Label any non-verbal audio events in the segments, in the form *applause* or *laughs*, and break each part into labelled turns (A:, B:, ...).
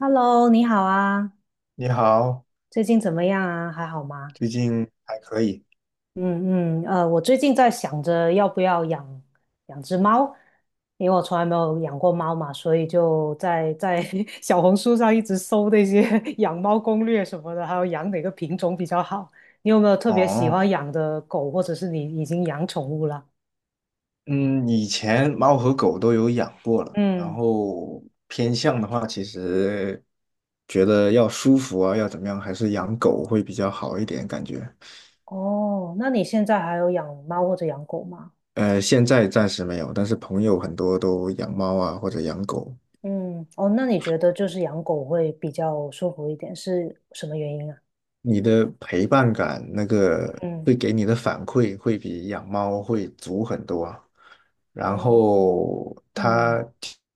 A: Hello，你好啊，
B: 你好，
A: 最近怎么样啊？还好吗？
B: 最近还可以
A: 嗯嗯，我最近在想着要不要养养只猫，因为我从来没有养过猫嘛，所以就在 *laughs* 小红书上一直搜那些 *laughs* 养猫攻略什么的，还有养哪个品种比较好。你有没有特别喜
B: 哦。
A: 欢养的狗，或者是你已经养宠物了？
B: 嗯，以前猫和狗都有养过了，然
A: 嗯，
B: 后偏向的话，其实觉得要舒服啊，要怎么样，还是养狗会比较好一点，感觉。
A: 哦，那你现在还有养猫或者养狗吗？
B: 现在暂时没有，但是朋友很多都养猫啊，或者养狗。
A: 嗯，哦，那你觉得就是养狗会比较舒服一点，是什么原因啊？
B: 你的陪伴感，那个
A: 嗯，
B: 会给你的反馈会比养猫会足很多啊，然
A: 哦，嗯
B: 后它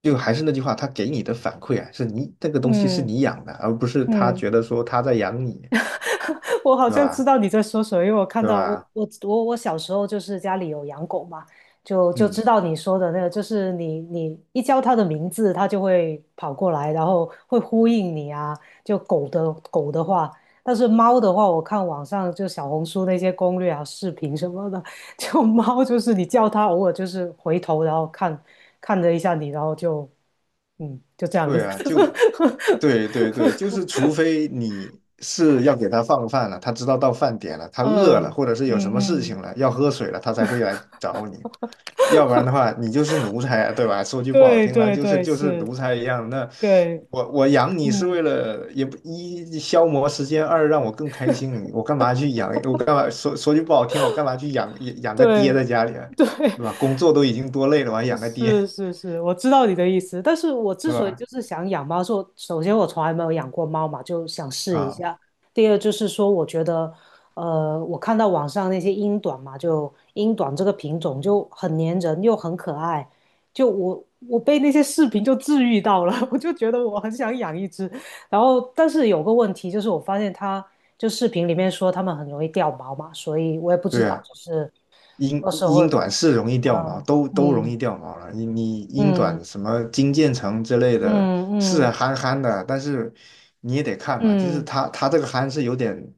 B: 就还是那句话，它给你的反馈啊，是你这个东西是
A: 嗯
B: 你养的，而不是它
A: 嗯，
B: 觉得说它在养你，
A: *laughs* 我好
B: 对
A: 像知
B: 吧？
A: 道你在说什么，因为我看
B: 对
A: 到我
B: 吧？
A: 我我我小时候就是家里有养狗嘛，就知
B: 嗯，
A: 道你说的那个，就是你一叫它的名字，它就会跑过来，然后会呼应你啊。就狗的话，但是猫的话，我看网上就小红书那些攻略啊、视频什么的，*laughs* 就猫就是你叫它，偶尔就是回头，然后看了一下你，然后就这样
B: 对
A: 子。
B: 啊，就
A: *laughs*
B: 对对对，就是除非你是要给它放饭了，它知道到饭点了，它饿了，
A: 嗯
B: 或者是有什
A: 嗯
B: 么事情
A: 嗯，
B: 了，要喝水了，它才会来找你。要不然的话，你就是奴才啊，对吧？说句不好
A: 对
B: 听的，
A: 对
B: 就是
A: 对，
B: 就是奴
A: 是，
B: 才一样。那
A: 对，
B: 我养你是
A: 嗯，
B: 为了也不一消磨时间，二让我更开心。我干嘛去养？我干嘛说句不好听，我干嘛去养个爹
A: 对
B: 在家里啊，
A: 对，
B: 对吧？工作都已经多累了，我还养个爹，
A: 是是是，我知道你的意思，但是我之
B: 对
A: 所以就
B: 吧？
A: 是想养猫，是我首先我从来没有养过猫嘛，就想试一
B: 啊，
A: 下。第二就是说，我觉得，我看到网上那些英短嘛，就英短这个品种就很粘人又很可爱，就我被那些视频就治愈到了，*laughs* 我就觉得我很想养一只。然后，但是有个问题就是，我发现它就视频里面说它们很容易掉毛嘛，所以我也不知
B: 对
A: 道
B: 啊。
A: 就是
B: 英
A: 到时候会
B: 英
A: 不会，
B: 短是容易掉毛，
A: 嗯。
B: 都容
A: 嗯，
B: 易掉毛了。你英短
A: 嗯
B: 什么金渐层之类的，
A: 嗯
B: 是
A: 嗯
B: 憨憨的，但是你也得看嘛，就是
A: 嗯，
B: 它这个憨是有点，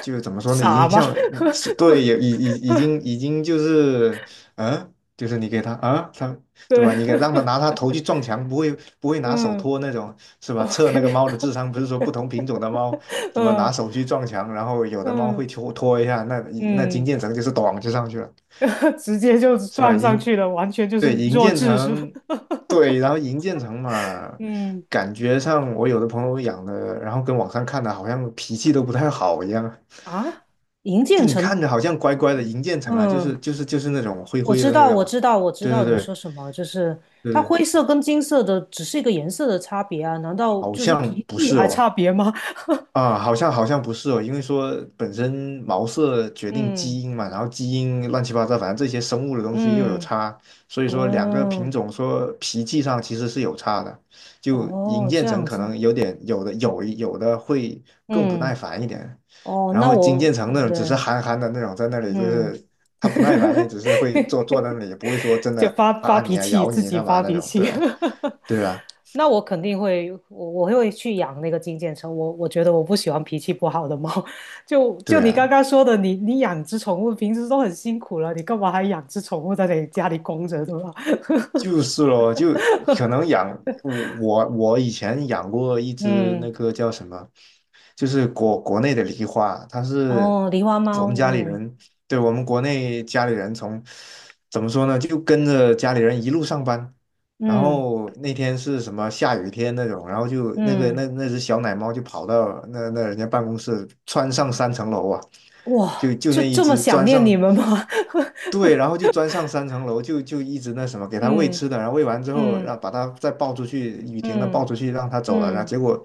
B: 就是怎么说呢，已
A: 傻
B: 经
A: 吗？*laughs*
B: 像你是对，也已经就是，嗯，就是你给它啊，它对
A: 对，
B: 吧？你给让它拿它
A: *laughs*
B: 头去撞墙，不会拿手
A: 嗯
B: 托那种，是吧？测那个
A: ，OK，
B: 猫的智商，不是说不同品种的猫。
A: *laughs*
B: 怎么拿
A: 嗯
B: 手去撞墙，然后有的猫
A: 嗯
B: 会拖拖一下，那那金
A: 嗯，
B: 渐层就是咚就上去了。
A: *laughs* 直接就
B: 是吧？
A: 撞上去了，完全就是
B: 对，银
A: 弱
B: 渐
A: 智，是吧？
B: 层，
A: *laughs*
B: 对，然后银渐层嘛，
A: 嗯，
B: 感觉上我有的朋友养的，然后跟网上看的好像脾气都不太好一样，
A: 啊，银
B: 就
A: 渐
B: 你
A: 层，
B: 看着好像乖乖的银渐层啊，就是
A: 嗯，
B: 就是就是那种灰
A: 我
B: 灰
A: 知
B: 的那
A: 道，
B: 个
A: 我
B: 嘛，
A: 知道，我知道
B: 对对
A: 你说
B: 对
A: 什么，就是
B: 对
A: 它
B: 对，
A: 灰色跟金色的只是一个颜色的差别啊，难道
B: 好
A: 就是
B: 像
A: 皮
B: 不
A: 肤
B: 是
A: 还
B: 哦。
A: 差别吗？*laughs*
B: 啊，好像不是哦，因为说本身毛色决定
A: 嗯
B: 基因嘛，然后基因乱七八糟，反正这些生物的东西又有
A: 嗯，
B: 差，所以说两个品
A: 哦
B: 种说脾气上其实是有差的，就银
A: 哦，这
B: 渐层
A: 样
B: 可
A: 子，
B: 能有点有的有有的会更不耐
A: 嗯。
B: 烦一点，
A: 哦，
B: 然
A: 那
B: 后金渐
A: 我
B: 层那种只是
A: 对，
B: 憨憨的那种，在那里就
A: 嗯，
B: 是它不耐烦，也只是会坐坐在那里，也不会说真
A: 就
B: 的
A: 发发
B: 拉
A: 脾
B: 你啊、
A: 气，
B: 咬
A: 自
B: 你啊
A: 己
B: 干嘛
A: 发
B: 那
A: 脾
B: 种，
A: 气。
B: 对
A: *laughs*
B: 啊，对啊，
A: 那我肯定会，我会去养那个金渐层。我觉得我不喜欢脾气不好的猫。*laughs* 就
B: 对
A: 你刚
B: 啊。
A: 刚说的，你养只宠物，平时都很辛苦了，你干嘛还养只宠物在你家里供着，对吧？
B: 就是咯，就可能养我以前养过一只
A: 嗯，
B: 那个叫什么，就是国内的梨花，它是
A: 哦，狸花猫，
B: 我们家里
A: 嗯
B: 人，对我们国内家里人从怎么说呢，就跟着家里人一路上班，然
A: 嗯
B: 后那天是什么下雨天那种，然后就那个
A: 嗯，
B: 那只小奶猫就跑到那人家办公室，窜上
A: 嗯，
B: 三层楼啊，就
A: 哇，
B: 就
A: 就
B: 那一
A: 这么
B: 只
A: 想
B: 钻
A: 念你
B: 上。
A: 们吗？
B: 对，然后就钻上三层楼，就一直那什么，给
A: *laughs*
B: 它喂
A: 嗯
B: 吃的，然后喂完之后，
A: 嗯
B: 然后把它再抱出去，雨停了抱
A: 嗯
B: 出去，让它走了，然后
A: 嗯。
B: 结果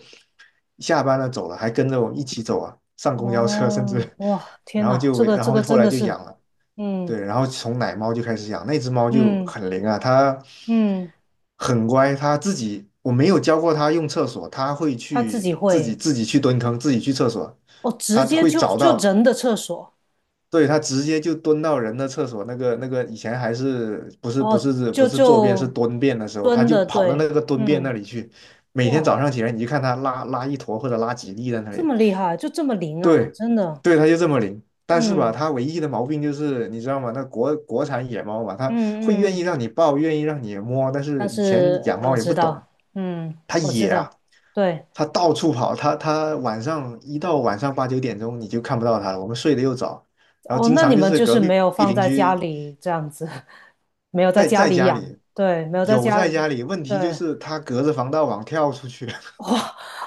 B: 下班了走了，还跟着我一起走啊，上公交车甚
A: 哦，
B: 至，
A: 哇，天
B: 然后
A: 哪，
B: 就
A: 这个
B: 然
A: 这
B: 后
A: 个
B: 后
A: 真
B: 来
A: 的
B: 就
A: 是，
B: 养了，
A: 嗯
B: 对，然后从奶猫就开始养，那只猫就
A: 嗯
B: 很灵啊，它
A: 嗯，
B: 很乖，它自己我没有教过它用厕所，它会
A: 他自己
B: 去自己
A: 会，
B: 自己去蹲坑，自己去厕所，
A: 哦，直
B: 它
A: 接
B: 会
A: 就
B: 找
A: 就
B: 到。
A: 人的厕所，
B: 对，他直接就蹲到人的厕所，那个以前还是不是不
A: 哦，
B: 是不
A: 就
B: 是坐便是
A: 就
B: 蹲便的时候，他
A: 蹲
B: 就
A: 的，
B: 跑到
A: 对，
B: 那个蹲便那
A: 嗯，
B: 里去，每天早
A: 哇，
B: 上起来你就看他拉拉一坨或者拉几粒在那
A: 这
B: 里，
A: 么厉害，就这么灵啊，
B: 对，
A: 真的，
B: 对，它就这么灵。但是吧，
A: 嗯
B: 它唯一的毛病就是，你知道吗？那国产野猫嘛，它会
A: 嗯
B: 愿
A: 嗯，
B: 意让你抱，愿意让你摸，但
A: 但
B: 是以前
A: 是
B: 养
A: 我
B: 猫也
A: 知
B: 不懂，
A: 道，嗯，
B: 它
A: 我知
B: 野
A: 道，
B: 啊，
A: 对，
B: 它到处跑，它晚上一到晚上八九点钟你就看不到它了，我们睡得又早，然后
A: 哦，
B: 经
A: 那你
B: 常就
A: 们
B: 是
A: 就
B: 隔
A: 是
B: 壁
A: 没有放
B: 邻
A: 在家
B: 居
A: 里这样子，*laughs* 没有在
B: 在
A: 家
B: 在
A: 里
B: 家
A: 养，
B: 里
A: 对，没有在
B: 有在
A: 家，
B: 家里，问题就
A: 对，
B: 是它隔着防盗网跳出去，
A: 哇，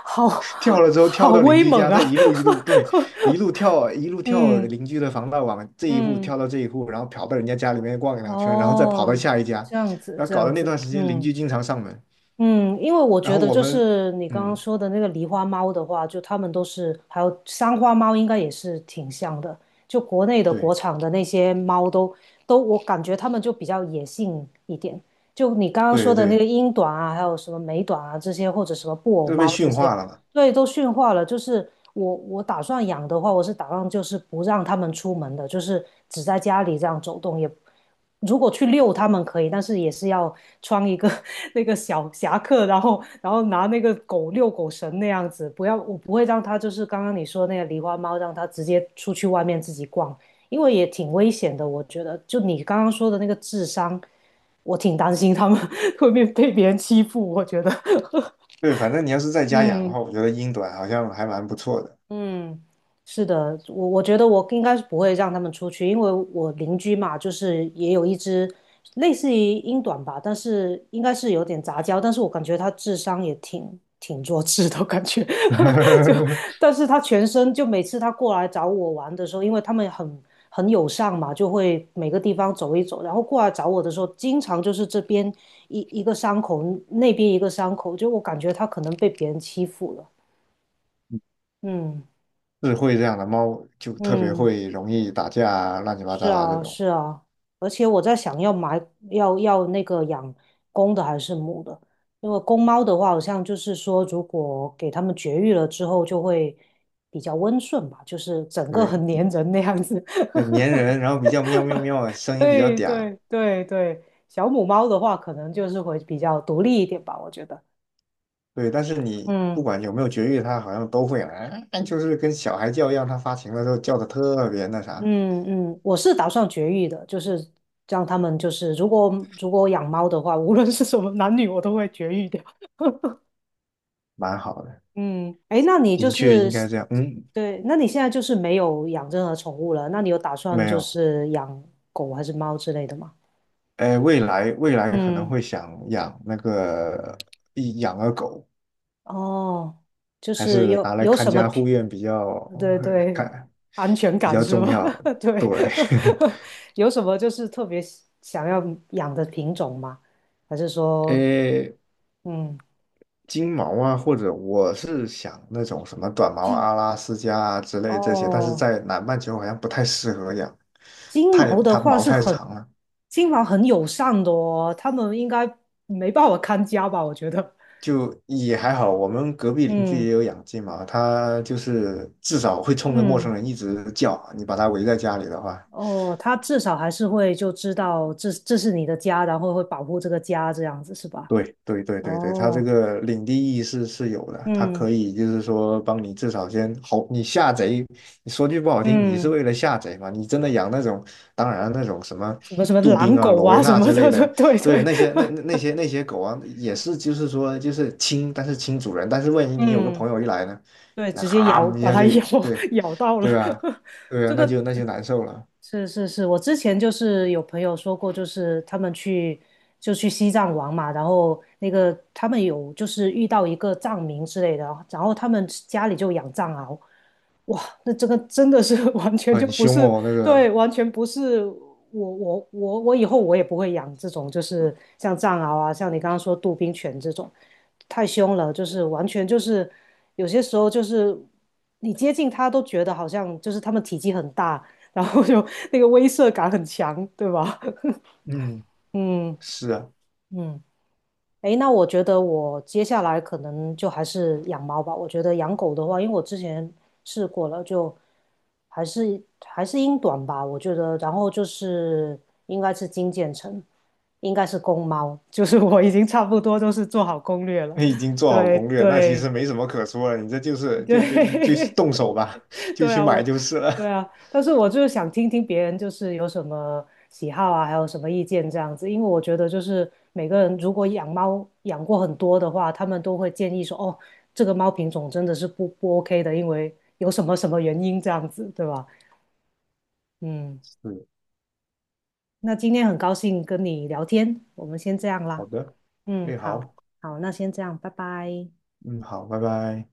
A: 好
B: 跳了之后跳
A: 好
B: 到邻
A: 威
B: 居
A: 猛
B: 家，
A: 啊！
B: 再一路一路对，一路跳一路
A: *laughs*
B: 跳
A: 嗯
B: 邻居的防盗网，这一户
A: 嗯，
B: 跳到这一户，然后跑到人家家里面逛两圈，然后再跑到
A: 哦，
B: 下一家，
A: 这样子
B: 然后
A: 这
B: 搞
A: 样
B: 得那
A: 子，
B: 段时间邻
A: 嗯
B: 居经常上门，
A: 嗯，因为我
B: 然
A: 觉
B: 后
A: 得
B: 我
A: 就
B: 们
A: 是你刚刚
B: 嗯，
A: 说的那个狸花猫的话，就它们都是，还有三花猫应该也是挺像的，就国内的
B: 对
A: 国产的那些猫都，我感觉它们就比较野性一点。就你刚刚说
B: 对
A: 的那
B: 对，
A: 个英短啊，还有什么美短啊这些，或者什么布偶
B: 就被
A: 猫这
B: 驯
A: 些，
B: 化了嘛。
A: 对，都驯化了。就是我打算养的话，我是打算就是不让它们出门的，就是只在家里这样走动。也如果去遛它们可以，但是也是要穿一个 *laughs* 那个小夹克，然后拿那个遛狗绳那样子。不要，我不会让它就是刚刚你说那个狸花猫，让它直接出去外面自己逛，因为也挺危险的。我觉得，就你刚刚说的那个智商，我挺担心它们 *laughs* 会被别人欺负。我觉得，
B: 对，反正你要是在
A: *laughs*
B: 家养的
A: 嗯。
B: 话，我觉得英短好像还蛮不错的，
A: 嗯，是的，我觉得我应该是不会让他们出去，因为我邻居嘛，就是也有一只类似于英短吧，但是应该是有点杂交，但是我感觉它智商也挺弱智的感觉，*laughs* 就
B: *laughs*
A: 但是它全身就每次它过来找我玩的时候，因为他们很友善嘛，就会每个地方走一走，然后过来找我的时候，经常就是这边一个伤口，那边一个伤口，就我感觉它可能被别人欺负了，嗯
B: 智慧这样的猫就特别
A: 嗯。
B: 会容易打架啊，乱七八
A: 是
B: 糟啊这
A: 啊，
B: 种。
A: 是啊，而且我在想要买要要那个养公的还是母的，因为公猫的话，好像就是说，如果给它们绝育了之后，就会比较温顺吧，就是整个
B: 对，
A: 很粘人那样子。*laughs*
B: 对，粘人，然后比较喵喵喵的，声音比较
A: 对
B: 嗲，
A: 对对对，小母猫的话，可能就是会比较独立一点吧，我觉得。
B: 对，但是你不
A: 嗯
B: 管有没有绝育，它好像都会来，哎就是跟小孩叫一样，它发情的时候叫的特别那啥，
A: 嗯嗯，我是打算绝育的，就是让它们就是，如果养猫的话，无论是什么男女，我都会绝育掉。
B: 蛮好的，
A: 嗯，哎，那你就
B: 的确
A: 是，
B: 应该这样。嗯，
A: 对，那你现在就是没有养任何宠物了？那你有打算
B: 没
A: 就
B: 有，
A: 是养狗还是猫之类的吗？
B: 哎，未来可能
A: 嗯，
B: 会想养那个一养个狗，
A: 哦，就
B: 还
A: 是
B: 是
A: 有
B: 拿来
A: 有
B: 看
A: 什么
B: 家
A: 偏，
B: 护院比较
A: 对
B: *laughs*
A: 对，
B: 看
A: 安全
B: 比
A: 感
B: 较
A: 是
B: 重
A: 吗？
B: 要。
A: *laughs* 对，
B: 对，
A: *laughs* 有什么就是特别喜想要养的品种吗？还是
B: *laughs*
A: 说，
B: 哎
A: 嗯，
B: 金毛啊，或者我是想那种什么短毛
A: 金
B: 阿拉斯加啊之类这些，但是
A: 哦，
B: 在南半球好像不太适合养，
A: 金毛的
B: 它
A: 话
B: 毛
A: 是
B: 太
A: 很，
B: 长了。
A: 金毛很友善的哦，它们应该没办法看家吧？我觉得。
B: 就也还好，我们隔壁邻居
A: 嗯
B: 也有养金毛，它就是至少会冲着陌
A: 嗯，
B: 生人一直叫，你把它围在家里的话。
A: 哦，他至少还是会就知道这是你的家，然后会保护这个家这样子是吧？
B: 对对对对对，它这
A: 哦，
B: 个领地意识是有的，它
A: 嗯
B: 可以就是说帮你至少先好，你下贼，你说句不好听，你是
A: 嗯，
B: 为了下贼嘛？你真的养那种，当然那种什么
A: 什么什么
B: 杜宾
A: 狼
B: 啊、
A: 狗
B: 罗威
A: 啊什
B: 纳
A: 么
B: 之
A: 的，
B: 类的，
A: *laughs* 对对
B: 对那
A: 对，
B: 些那些狗啊，也是就是说就是亲，但是亲主人，但是万
A: *laughs*
B: 一你有个
A: 嗯，
B: 朋友一来呢，
A: 对，
B: 那
A: 直接
B: 哈
A: 咬
B: 一
A: 把
B: 下
A: 它
B: 就
A: 咬
B: 对
A: *laughs* 咬到
B: 对
A: 了，
B: 吧？对啊，
A: 这
B: 那就
A: 个
B: 那就难受了，
A: 是是是，我之前就是有朋友说过，就是他们就去西藏玩嘛，然后那个他们有就是遇到一个藏民之类的，然后他们家里就养藏獒。哇，那这个真的是 *laughs* 完全就
B: 很
A: 不
B: 凶
A: 是，
B: 哦那个，
A: 对，完全不是我以后我也不会养这种，就是像藏獒啊，像你刚刚说杜宾犬这种，太凶了，就是完全就是有些时候就是你接近它都觉得好像就是它们体积很大，然后就 *laughs* 那个威慑感很强，对吧？
B: 嗯，
A: *laughs* 嗯
B: 是啊。
A: 嗯。诶，那我觉得我接下来可能就还是养猫吧。我觉得养狗的话，因为我之前试过了，就还是英短吧。我觉得，然后就是应该是金渐层，应该是公猫，*laughs* 就是我已经差不多都是做好攻略
B: *laughs*
A: 了。
B: 你已经
A: *laughs*
B: 做好
A: 对
B: 攻略，那其
A: 对
B: 实没什么可说了，你这就是就
A: 对，*laughs*
B: 动手吧，*laughs* 就
A: 对
B: 去
A: 啊，
B: 买
A: 我，
B: 就是
A: 对
B: 了。
A: 啊，
B: *laughs*
A: 但是我就是想听听别人就是有什么喜好啊，还有什么意见这样子，因为我觉得就是每个人如果养猫养过很多的话，他们都会建议说，哦，这个猫品种真的是不 OK 的，因为有什么什么原因这样子，对吧？嗯，
B: 是，
A: 那今天很高兴跟你聊天，我们先这样
B: 好
A: 啦。
B: 的，
A: 嗯，
B: 哎，
A: 好，
B: 好，
A: 好，那先这样，拜拜。
B: 嗯，好，拜拜。